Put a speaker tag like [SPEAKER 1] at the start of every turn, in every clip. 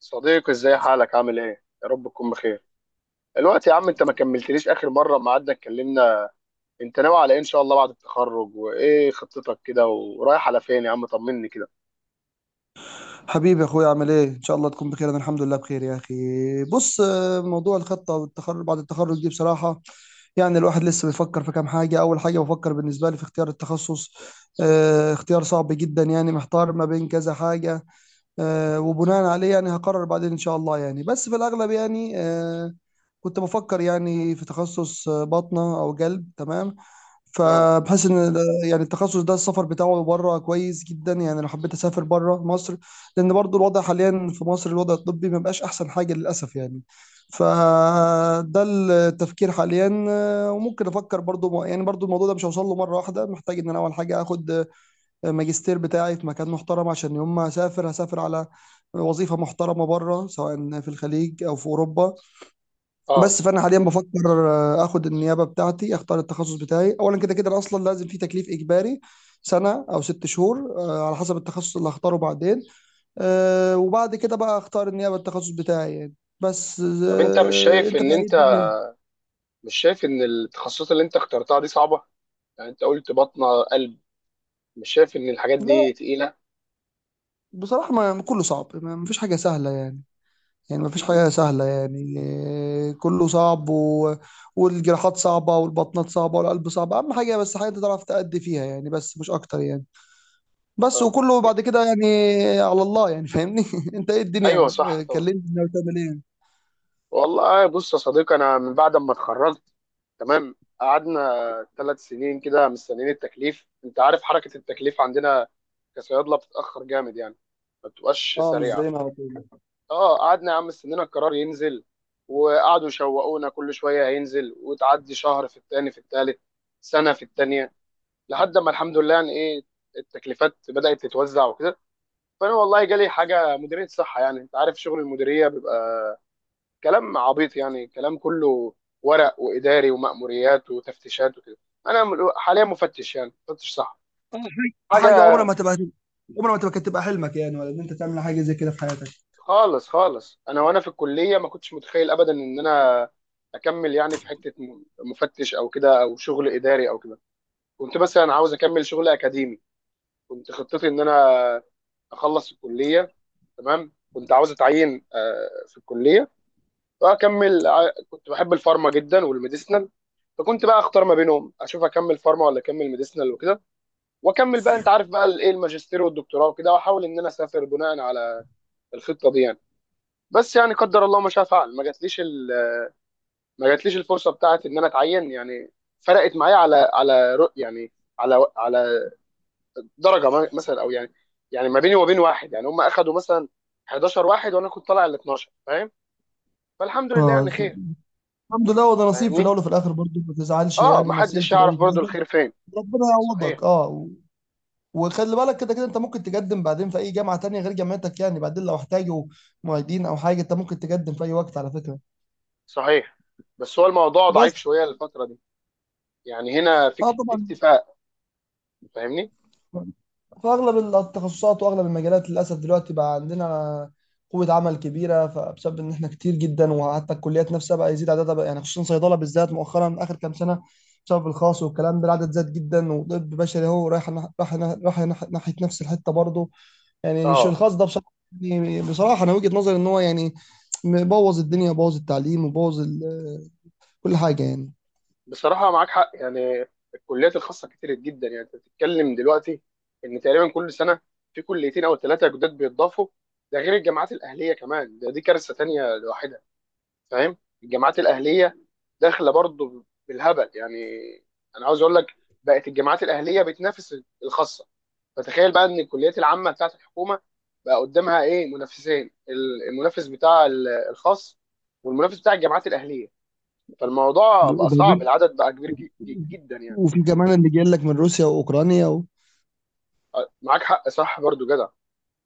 [SPEAKER 1] صديقي، ازاي حالك؟ عامل ايه؟ يا رب تكون بخير. الوقت يا عم، انت ما كملتليش اخر مره ما قعدنا اتكلمنا. انت ناوي على ايه ان شاء الله بعد التخرج؟ وايه خطتك كده؟ ورايح على فين يا عم؟ طمني كده.
[SPEAKER 2] حبيبي يا اخويا عامل ايه؟ ان شاء الله تكون بخير. انا الحمد لله بخير يا اخي. بص، موضوع الخطه والتخرج، بعد التخرج دي بصراحه يعني الواحد لسه بيفكر في كام حاجه. اول حاجه بفكر بالنسبه لي في اختيار التخصص. اختيار صعب جدا، يعني محتار ما بين كذا حاجه. وبناء عليه يعني هقرر بعدين ان شاء الله، يعني بس في الاغلب. يعني كنت بفكر يعني في تخصص باطنه او قلب، تمام.
[SPEAKER 1] امم.
[SPEAKER 2] فبحس ان يعني التخصص ده السفر بتاعه بره كويس جدا، يعني لو حبيت اسافر بره مصر. لان برضو الوضع حاليا في مصر، الوضع الطبي ما بقاش احسن حاجه للاسف يعني. فده التفكير حاليا. وممكن افكر برضو يعني برضو الموضوع ده مش هوصل له مره واحده. محتاج ان انا اول حاجه اخد ماجستير بتاعي في مكان محترم، عشان يوم ما اسافر هسافر على وظيفه محترمه بره، سواء في الخليج او في اوروبا.
[SPEAKER 1] اه.
[SPEAKER 2] بس فانا حاليا بفكر اخد النيابه بتاعتي، اختار التخصص بتاعي اولا. كده كده أنا اصلا لازم في تكليف اجباري سنه او ست شهور، على حسب التخصص اللي هختاره. بعدين وبعد كده بقى اختار النيابه، التخصص بتاعي يعني. بس
[SPEAKER 1] طب انت
[SPEAKER 2] انت بقى ايه الدنيا؟
[SPEAKER 1] مش شايف ان التخصصات اللي انت اخترتها دي صعبه؟ يعني انت قلت بطنه، قلب. مش شايف ان الحاجات
[SPEAKER 2] لا
[SPEAKER 1] دي تقيله؟
[SPEAKER 2] بصراحه، ما كله صعب، ما مفيش حاجه سهله يعني. يعني مفيش
[SPEAKER 1] امم.
[SPEAKER 2] حاجه سهله يعني. كله صعب والجراحات صعبه، والبطنات صعبه، والقلب صعب. اهم حاجه بس حاجه انت تعرف تأدي فيها يعني، بس مش اكتر يعني. بس
[SPEAKER 1] اه.
[SPEAKER 2] وكله بعد كده يعني على الله، يعني فاهمني. انت ايه الدنيا؟
[SPEAKER 1] ايوه، صح طبعا.
[SPEAKER 2] كلمني ناوي تعمل ايه.
[SPEAKER 1] والله بص يا صديقي، انا من بعد ما اتخرجت، تمام، قعدنا ثلاث سنين كده مستنيين التكليف. انت عارف حركه التكليف عندنا كصيادله بتتاخر جامد يعني، ما بتبقاش
[SPEAKER 2] اه مش
[SPEAKER 1] سريعه.
[SPEAKER 2] زينا على طول.
[SPEAKER 1] اه، قعدنا يا عم مستنينا القرار ينزل، وقعدوا يشوقونا كل شويه هينزل، وتعدي شهر، في التاني، في التالت، سنه في التانيه. لحد ما الحمد لله يعني ايه، التكليفات بدات تتوزع وكده. فانا والله جالي حاجه مديريه صحه، يعني انت عارف شغل المديريه بيبقى كلام عبيط، يعني كلام كله ورق واداري ومأموريات وتفتيشات وكده. انا حاليا مفتش، يعني مفتش صح
[SPEAKER 2] اه، حاجه
[SPEAKER 1] حاجه.
[SPEAKER 2] حاجه عمرها ما تبقى، عمرها ما تبقى كانت تبقى حلمك، يعني ولا ان انت تعمل حاجه زي كده في حياتك.
[SPEAKER 1] خالص خالص، انا وانا في الكليه ما كنتش متخيل ابدا ان انا اكمل يعني في حته مفتش او كده، او شغل اداري او كده. كنت مثلا عاوز اكمل شغل اكاديمي. كنت خطتي ان انا اخلص الكليه، تمام، كنت عاوز اتعين في الكليه، كنت بحب الفارما جدا والميديسنال. فكنت بقى اختار ما بينهم، اشوف اكمل فارما ولا اكمل ميديسنال وكده، واكمل بقى انت عارف بقى الايه، الماجستير والدكتوراه وكده، واحاول ان انا اسافر بناء على الخطه دي يعني. بس يعني قدر الله ما شاء فعل، ما جاتليش الفرصه بتاعت ان انا اتعين يعني. فرقت معايا على على درجه مثلا، او يعني، يعني ما بيني وبين واحد يعني، هم اخدوا مثلا 11 واحد، وانا كنت طالع ال 12. فاهم؟ فالحمد لله يعني
[SPEAKER 2] اه
[SPEAKER 1] خير.
[SPEAKER 2] الحمد لله، وده نصيب في
[SPEAKER 1] فاهمني؟
[SPEAKER 2] الاول وفي الاخر. برضه ما تزعلش
[SPEAKER 1] اه،
[SPEAKER 2] يعني، نصيب
[SPEAKER 1] محدش
[SPEAKER 2] في الاول
[SPEAKER 1] يعرف
[SPEAKER 2] وفي
[SPEAKER 1] برضو
[SPEAKER 2] الاخر.
[SPEAKER 1] الخير فين.
[SPEAKER 2] ربنا يعوضك.
[SPEAKER 1] صحيح،
[SPEAKER 2] اه وخلي بالك، كده كده انت ممكن تقدم بعدين في اي جامعه تانية غير جامعتك، يعني بعدين لو احتاجوا معيدين او حاجه انت ممكن تقدم في اي وقت على فكره.
[SPEAKER 1] صحيح. بس هو الموضوع
[SPEAKER 2] بس
[SPEAKER 1] ضعيف شويه الفتره دي. يعني هنا في
[SPEAKER 2] اه
[SPEAKER 1] في
[SPEAKER 2] طبعا،
[SPEAKER 1] اكتفاء. فاهمني؟
[SPEAKER 2] فاغلب التخصصات واغلب المجالات للاسف دلوقتي بقى عندنا قوه عمل كبيره. فبسبب ان احنا كتير جدا، وحتى الكليات نفسها بقى يزيد عددها بقى يعني، خصوصا صيدله بالذات مؤخرا اخر كام سنه، بسبب الخاص والكلام ده العدد زاد جدا. وطب بشري اهو رايح ناحيه نفس الحته برضه يعني.
[SPEAKER 1] اه،
[SPEAKER 2] الخاص ده بصراحه، يعني بصراحه انا وجهه نظري ان هو يعني بوظ الدنيا، بوظ التعليم، وبوظ كل حاجه يعني.
[SPEAKER 1] بصراحه معاك حق يعني. الكليات الخاصه كتير جدا. يعني انت بتتكلم دلوقتي ان تقريبا كل سنه في كليتين او ثلاثه جداد بيتضافوا. ده غير الجامعات الاهليه كمان، دي كارثه تانيه لوحدها. فاهم؟ الجامعات الاهليه داخله برضو بالهبل يعني. انا عاوز اقول لك، بقت الجامعات الاهليه بتنافس الخاصه. فتخيل بقى ان الكليات العامه بتاعت الحكومه بقى قدامها ايه منافسين؟ المنافس بتاع الخاص، والمنافس بتاع الجامعات الاهليه. فالموضوع بقى
[SPEAKER 2] وده
[SPEAKER 1] صعب،
[SPEAKER 2] غير-
[SPEAKER 1] العدد بقى كبير جدا يعني.
[SPEAKER 2] وفي كمان اللي جاي لك من روسيا واوكرانيا
[SPEAKER 1] معاك حق، صح، برضو جدع.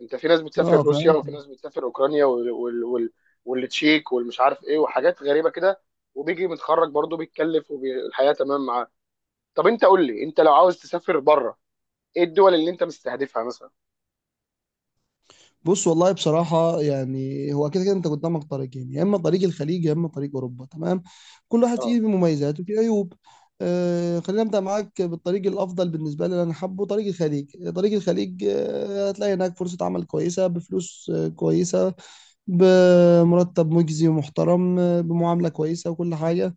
[SPEAKER 1] انت في ناس بتسافر
[SPEAKER 2] اه.
[SPEAKER 1] روسيا، وفي ناس بتسافر اوكرانيا، والتشيك والمش عارف ايه، وحاجات غريبه كده. وبيجي متخرج برضه بيتكلف، والحياه تمام معاه. طب انت قول لي، انت لو عاوز تسافر بره، ايه الدول اللي انت مستهدفها مثلا؟
[SPEAKER 2] بص والله بصراحة يعني هو كده كده انت قدامك طريقين، يا اما طريق الخليج يا اما طريق اوروبا، تمام. كل واحد
[SPEAKER 1] اه،
[SPEAKER 2] فيه مميزات وفيه عيوب. آه، خلينا نبدأ معاك بالطريق الافضل بالنسبة لي اللي انا حابه، طريق الخليج. طريق الخليج آه هتلاقي هناك فرصة عمل كويسة، بفلوس آه كويسة، بمرتب مجزي ومحترم، آه بمعاملة كويسة وكل حاجة.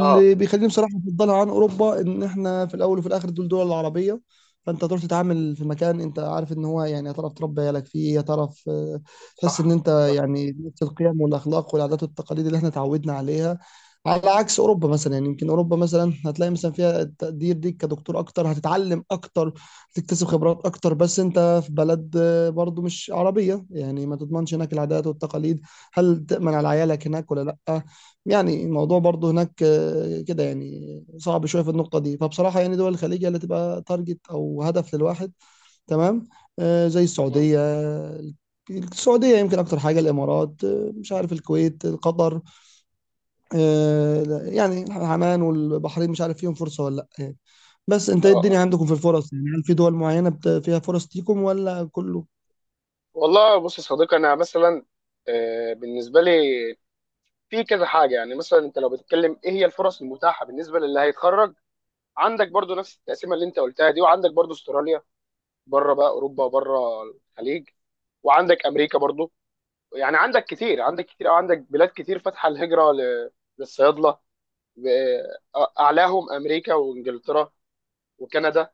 [SPEAKER 1] اه.
[SPEAKER 2] بيخليني بصراحه افضلها عن اوروبا، ان احنا في الاول وفي الاخر دول العربيه. فانت هتروح تتعامل في مكان انت عارف ان هو يعني هتعرف تربي عيالك فيه. هتعرف تحس ان
[SPEAKER 1] صح،
[SPEAKER 2] انت
[SPEAKER 1] صح.
[SPEAKER 2] يعني نفس القيم والاخلاق والعادات والتقاليد اللي احنا اتعودنا عليها. على عكس اوروبا مثلا، يعني يمكن اوروبا مثلا هتلاقي مثلا فيها التقدير ليك كدكتور اكتر، هتتعلم اكتر، تكتسب خبرات اكتر. بس انت في بلد برضو مش عربيه، يعني ما تضمنش هناك العادات والتقاليد. هل تأمن
[SPEAKER 1] مم.
[SPEAKER 2] على عيالك هناك ولا لا؟ يعني الموضوع برضه هناك كده يعني صعب شويه في النقطه دي. فبصراحه يعني دول الخليج هي اللي تبقى تارجت او هدف للواحد، تمام. زي
[SPEAKER 1] مم.
[SPEAKER 2] السعوديه. السعوديه يمكن اكتر حاجه، الامارات، مش عارف الكويت، قطر، آه، لا، يعني عمان والبحرين مش عارف فيهم فرصه ولا لا يعني. بس انت ايه
[SPEAKER 1] اه،
[SPEAKER 2] الدنيا
[SPEAKER 1] اه.
[SPEAKER 2] عندكم في الفرص؟ يعني هل في دول معينه فيها فرص ليكم ولا كله؟
[SPEAKER 1] والله بص يا صديقي، انا مثلا، بالنسبه لي في كذا حاجه، يعني مثلا انت لو بتتكلم ايه هي الفرص المتاحه بالنسبه للي هيتخرج، عندك برضو نفس التقسيمه اللي انت قلتها دي، وعندك برضو استراليا، بره بقى اوروبا وبره الخليج، وعندك امريكا برضو. يعني عندك كتير، عندك كتير، او عندك بلاد كتير فاتحه الهجره للصيادله. اعلاهم امريكا وانجلترا، وكندا،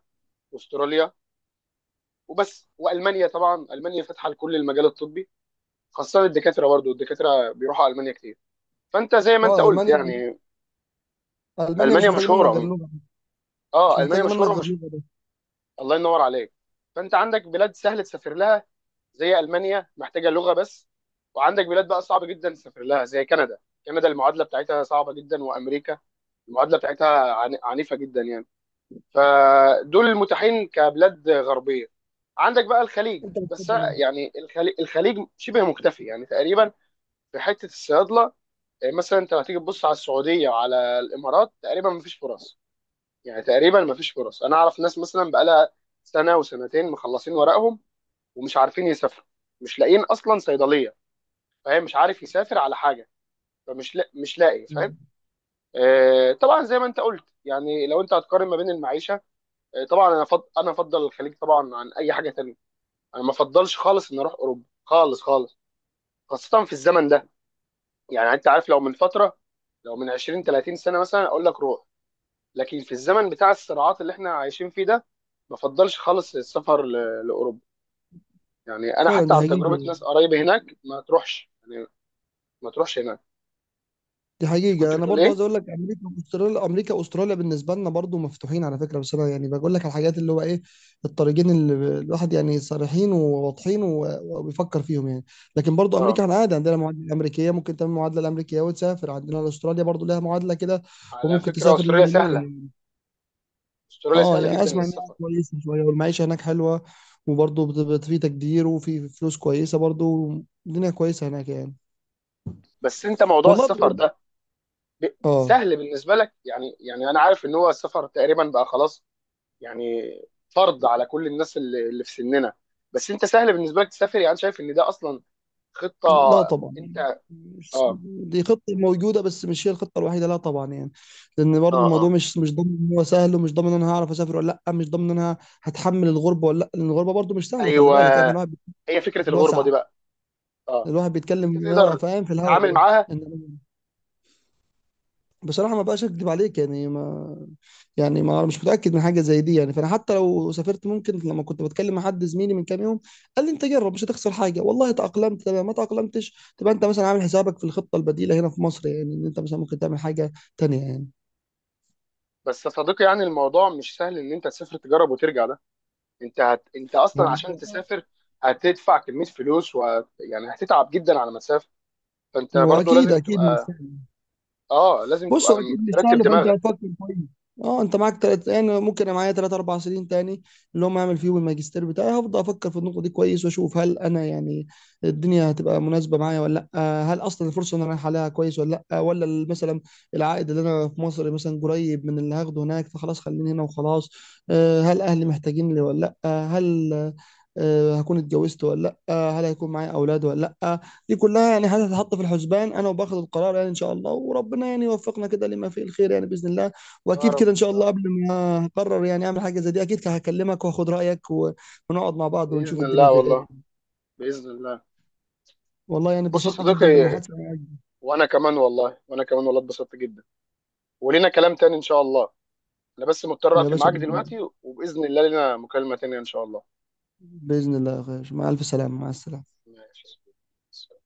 [SPEAKER 1] واستراليا، وبس، والمانيا. طبعا المانيا فاتحه لكل المجال الطبي، خاصه الدكاتره، برضو الدكاتره بيروحوا المانيا كتير. فانت زي ما انت
[SPEAKER 2] اه
[SPEAKER 1] قلت
[SPEAKER 2] المانيا،
[SPEAKER 1] يعني،
[SPEAKER 2] المانيا مش
[SPEAKER 1] المانيا
[SPEAKER 2] محتاجه منك غير
[SPEAKER 1] مشهوره.
[SPEAKER 2] لغه، مش
[SPEAKER 1] اه، المانيا
[SPEAKER 2] محتاجه منك
[SPEAKER 1] مشهوره.
[SPEAKER 2] غير لغه بس.
[SPEAKER 1] الله ينور عليك. فانت عندك بلاد سهل تسافر لها زي المانيا، محتاجه لغه بس. وعندك بلاد بقى صعب جدا تسافر لها زي كندا. كندا المعادله بتاعتها صعبه جدا، وامريكا المعادله بتاعتها عنيفه جدا يعني. فدول المتاحين كبلاد غربيه. عندك بقى الخليج،
[SPEAKER 2] انت
[SPEAKER 1] بس
[SPEAKER 2] بتفضل إيه؟
[SPEAKER 1] يعني الخليج، الخليج شبه مكتفي يعني تقريبا. في حته الصيادله، مثلا انت لو هتيجي تبص على السعوديه وعلى الامارات، تقريبا مفيش فرص. يعني تقريبا ما فيش فرص. انا اعرف ناس مثلا بقالها سنه وسنتين مخلصين ورقهم، ومش عارفين يسافروا، مش لاقيين اصلا صيدليه، فاهم؟ مش عارف يسافر على حاجه، فمش لا مش لاقي، فاهم؟
[SPEAKER 2] آه،
[SPEAKER 1] آه طبعا زي ما انت قلت يعني، لو انت هتقارن ما بين المعيشه، آه طبعا، انا افضل الخليج طبعا عن اي حاجه تانية. انا ما افضلش خالص ان اروح اوروبا، خالص خالص، خاصه في الزمن ده. يعني انت عارف، لو من فتره، لو من 20 30 سنه مثلا اقول لك روح، لكن في الزمن بتاع الصراعات اللي احنا عايشين فيه ده، ما بفضلش خالص السفر لاوروبا. يعني انا
[SPEAKER 2] فعلا
[SPEAKER 1] حتى
[SPEAKER 2] ده
[SPEAKER 1] عن تجربه
[SPEAKER 2] حقيقي.
[SPEAKER 1] ناس قرايب هناك، ما تروحش يعني، ما تروحش هناك.
[SPEAKER 2] دي
[SPEAKER 1] انت كنت
[SPEAKER 2] حقيقة، أنا
[SPEAKER 1] بتقول
[SPEAKER 2] برضو عايز
[SPEAKER 1] ايه؟
[SPEAKER 2] أقول لك أمريكا وأستراليا. أمريكا وأستراليا بالنسبة لنا برضو مفتوحين على فكرة. بس أنا يعني بقول لك على الحاجات اللي هو إيه، الطريقين اللي الواحد يعني صريحين وواضحين وبيفكر فيهم يعني. لكن برضو أمريكا،
[SPEAKER 1] اه،
[SPEAKER 2] إحنا عادي عندنا معادلة أمريكية، ممكن تعمل معادلة الأمريكية وتسافر. عندنا أستراليا برضو لها معادلة كده،
[SPEAKER 1] على
[SPEAKER 2] وممكن
[SPEAKER 1] فكره
[SPEAKER 2] تسافر
[SPEAKER 1] استراليا
[SPEAKER 2] ليها
[SPEAKER 1] سهله،
[SPEAKER 2] يعني.
[SPEAKER 1] استراليا
[SPEAKER 2] أه
[SPEAKER 1] سهله
[SPEAKER 2] يعني
[SPEAKER 1] جدا
[SPEAKER 2] أسمع إنها
[SPEAKER 1] للسفر.
[SPEAKER 2] كويسة شوية، والمعيشة هناك حلوة. وبرضو في تقدير وفي فلوس كويسة برضو، الدنيا كويسة هناك يعني.
[SPEAKER 1] بس انت موضوع
[SPEAKER 2] والله
[SPEAKER 1] السفر
[SPEAKER 2] إيه؟
[SPEAKER 1] ده ب...
[SPEAKER 2] أه
[SPEAKER 1] سهل بالنسبه لك يعني انا عارف ان هو السفر تقريبا بقى خلاص يعني، فرض على كل الناس اللي في سننا. بس انت سهل بالنسبه لك تسافر يعني، شايف ان ده اصلا خطه؟
[SPEAKER 2] لا طبعا يعني،
[SPEAKER 1] انت.
[SPEAKER 2] مش-
[SPEAKER 1] اه،
[SPEAKER 2] دي خطة موجودة، بس مش هي الخطة الوحيدة، لا طبعا يعني. لأن برضو
[SPEAKER 1] اه،
[SPEAKER 2] الموضوع
[SPEAKER 1] اه.
[SPEAKER 2] مش ضامن إن هو سهل، ومش ضامن إن أنا هعرف أسافر ولا لأ، مش ضامن إن أنا هتحمل الغربة ولا لأ. لأن الغربة برضو مش سهلة، خلي
[SPEAKER 1] ايوه،
[SPEAKER 2] بالك يعني. الواحد بيتكلم
[SPEAKER 1] هي فكره
[SPEAKER 2] في
[SPEAKER 1] الغربه
[SPEAKER 2] الوسع،
[SPEAKER 1] دي بقى، اه،
[SPEAKER 2] الواحد
[SPEAKER 1] انت
[SPEAKER 2] بيتكلم اه
[SPEAKER 1] تقدر
[SPEAKER 2] فاهم في الهوا
[SPEAKER 1] تتعامل
[SPEAKER 2] دلوقتي.
[SPEAKER 1] معاها؟
[SPEAKER 2] إنما- بصراحة ما بقاش أكدب عليك يعني، ما يعني ما انا مش متاكد من حاجه زي دي يعني. فانا حتى لو سافرت، ممكن لما كنت بتكلم مع حد زميلي من كام يوم، قال لي انت جرب مش هتخسر حاجه، والله تاقلمت تمام، ما تاقلمتش تبقى انت مثلا عامل حسابك في الخطه البديله هنا في مصر، يعني ان انت مثلا ممكن تعمل حاجه تانيه يعني.
[SPEAKER 1] بس يا صديقي يعني، الموضوع مش سهل ان انت تسافر تجرب وترجع ده، انت اصلا
[SPEAKER 2] هو
[SPEAKER 1] عشان تسافر هتدفع كميه فلوس، و... يعني هتتعب جدا على مسافه، فانت
[SPEAKER 2] هو
[SPEAKER 1] برضو
[SPEAKER 2] اكيد
[SPEAKER 1] لازم
[SPEAKER 2] اكيد مش،
[SPEAKER 1] تبقى اه لازم
[SPEAKER 2] بص هو
[SPEAKER 1] تبقى
[SPEAKER 2] اكيد مش
[SPEAKER 1] مرتب
[SPEAKER 2] سهل، فانت
[SPEAKER 1] دماغك.
[SPEAKER 2] هتفكر كويس. اه، انت معاك تلات، يعني ممكن انا معايا تلات اربع سنين تاني، اللي هم اعمل فيهم الماجستير بتاعي. هفضل افكر في النقطه دي كويس، واشوف هل انا يعني الدنيا هتبقى مناسبه معايا ولا لا. هل اصلا الفرصه اللي انا رايح عليها كويس ولا لا، ولا مثلا العائد اللي انا في مصر مثلا قريب من اللي هاخده هناك، فخلاص خليني هنا وخلاص. هل اهلي محتاجين لي ولا لا، آه، هل آه، هكون اتجوزت ولا لا، هل هيكون معايا اولاد ولا لا. دي كلها يعني هتتحط في الحسبان انا وباخد القرار يعني ان شاء الله. وربنا يعني يوفقنا كده لما فيه الخير يعني، باذن الله.
[SPEAKER 1] يا
[SPEAKER 2] واكيد
[SPEAKER 1] رب،
[SPEAKER 2] كده ان شاء
[SPEAKER 1] يا
[SPEAKER 2] الله
[SPEAKER 1] رب.
[SPEAKER 2] قبل ما اقرر يعني اعمل حاجه زي دي، اكيد هكلمك واخد رايك ونقعد مع بعض ونشوف
[SPEAKER 1] باذن
[SPEAKER 2] الدنيا
[SPEAKER 1] الله
[SPEAKER 2] في ايه.
[SPEAKER 1] والله، باذن الله.
[SPEAKER 2] والله يعني
[SPEAKER 1] بص يا
[SPEAKER 2] اتبسطت جدا
[SPEAKER 1] صديقي،
[SPEAKER 2] بالمحادثه معاك.
[SPEAKER 1] وانا كمان والله، وانا كمان والله اتبسطت جدا. ولينا كلام تاني ان شاء الله. انا بس مضطر
[SPEAKER 2] يا
[SPEAKER 1] اقفل
[SPEAKER 2] باشا
[SPEAKER 1] معاك
[SPEAKER 2] باذن الله،
[SPEAKER 1] دلوقتي، وباذن الله لنا مكالمه تانيه ان شاء الله.
[SPEAKER 2] بإذن الله يا اخي. مع الف سلامه، مع السلامه.
[SPEAKER 1] ماشي يا صديقي.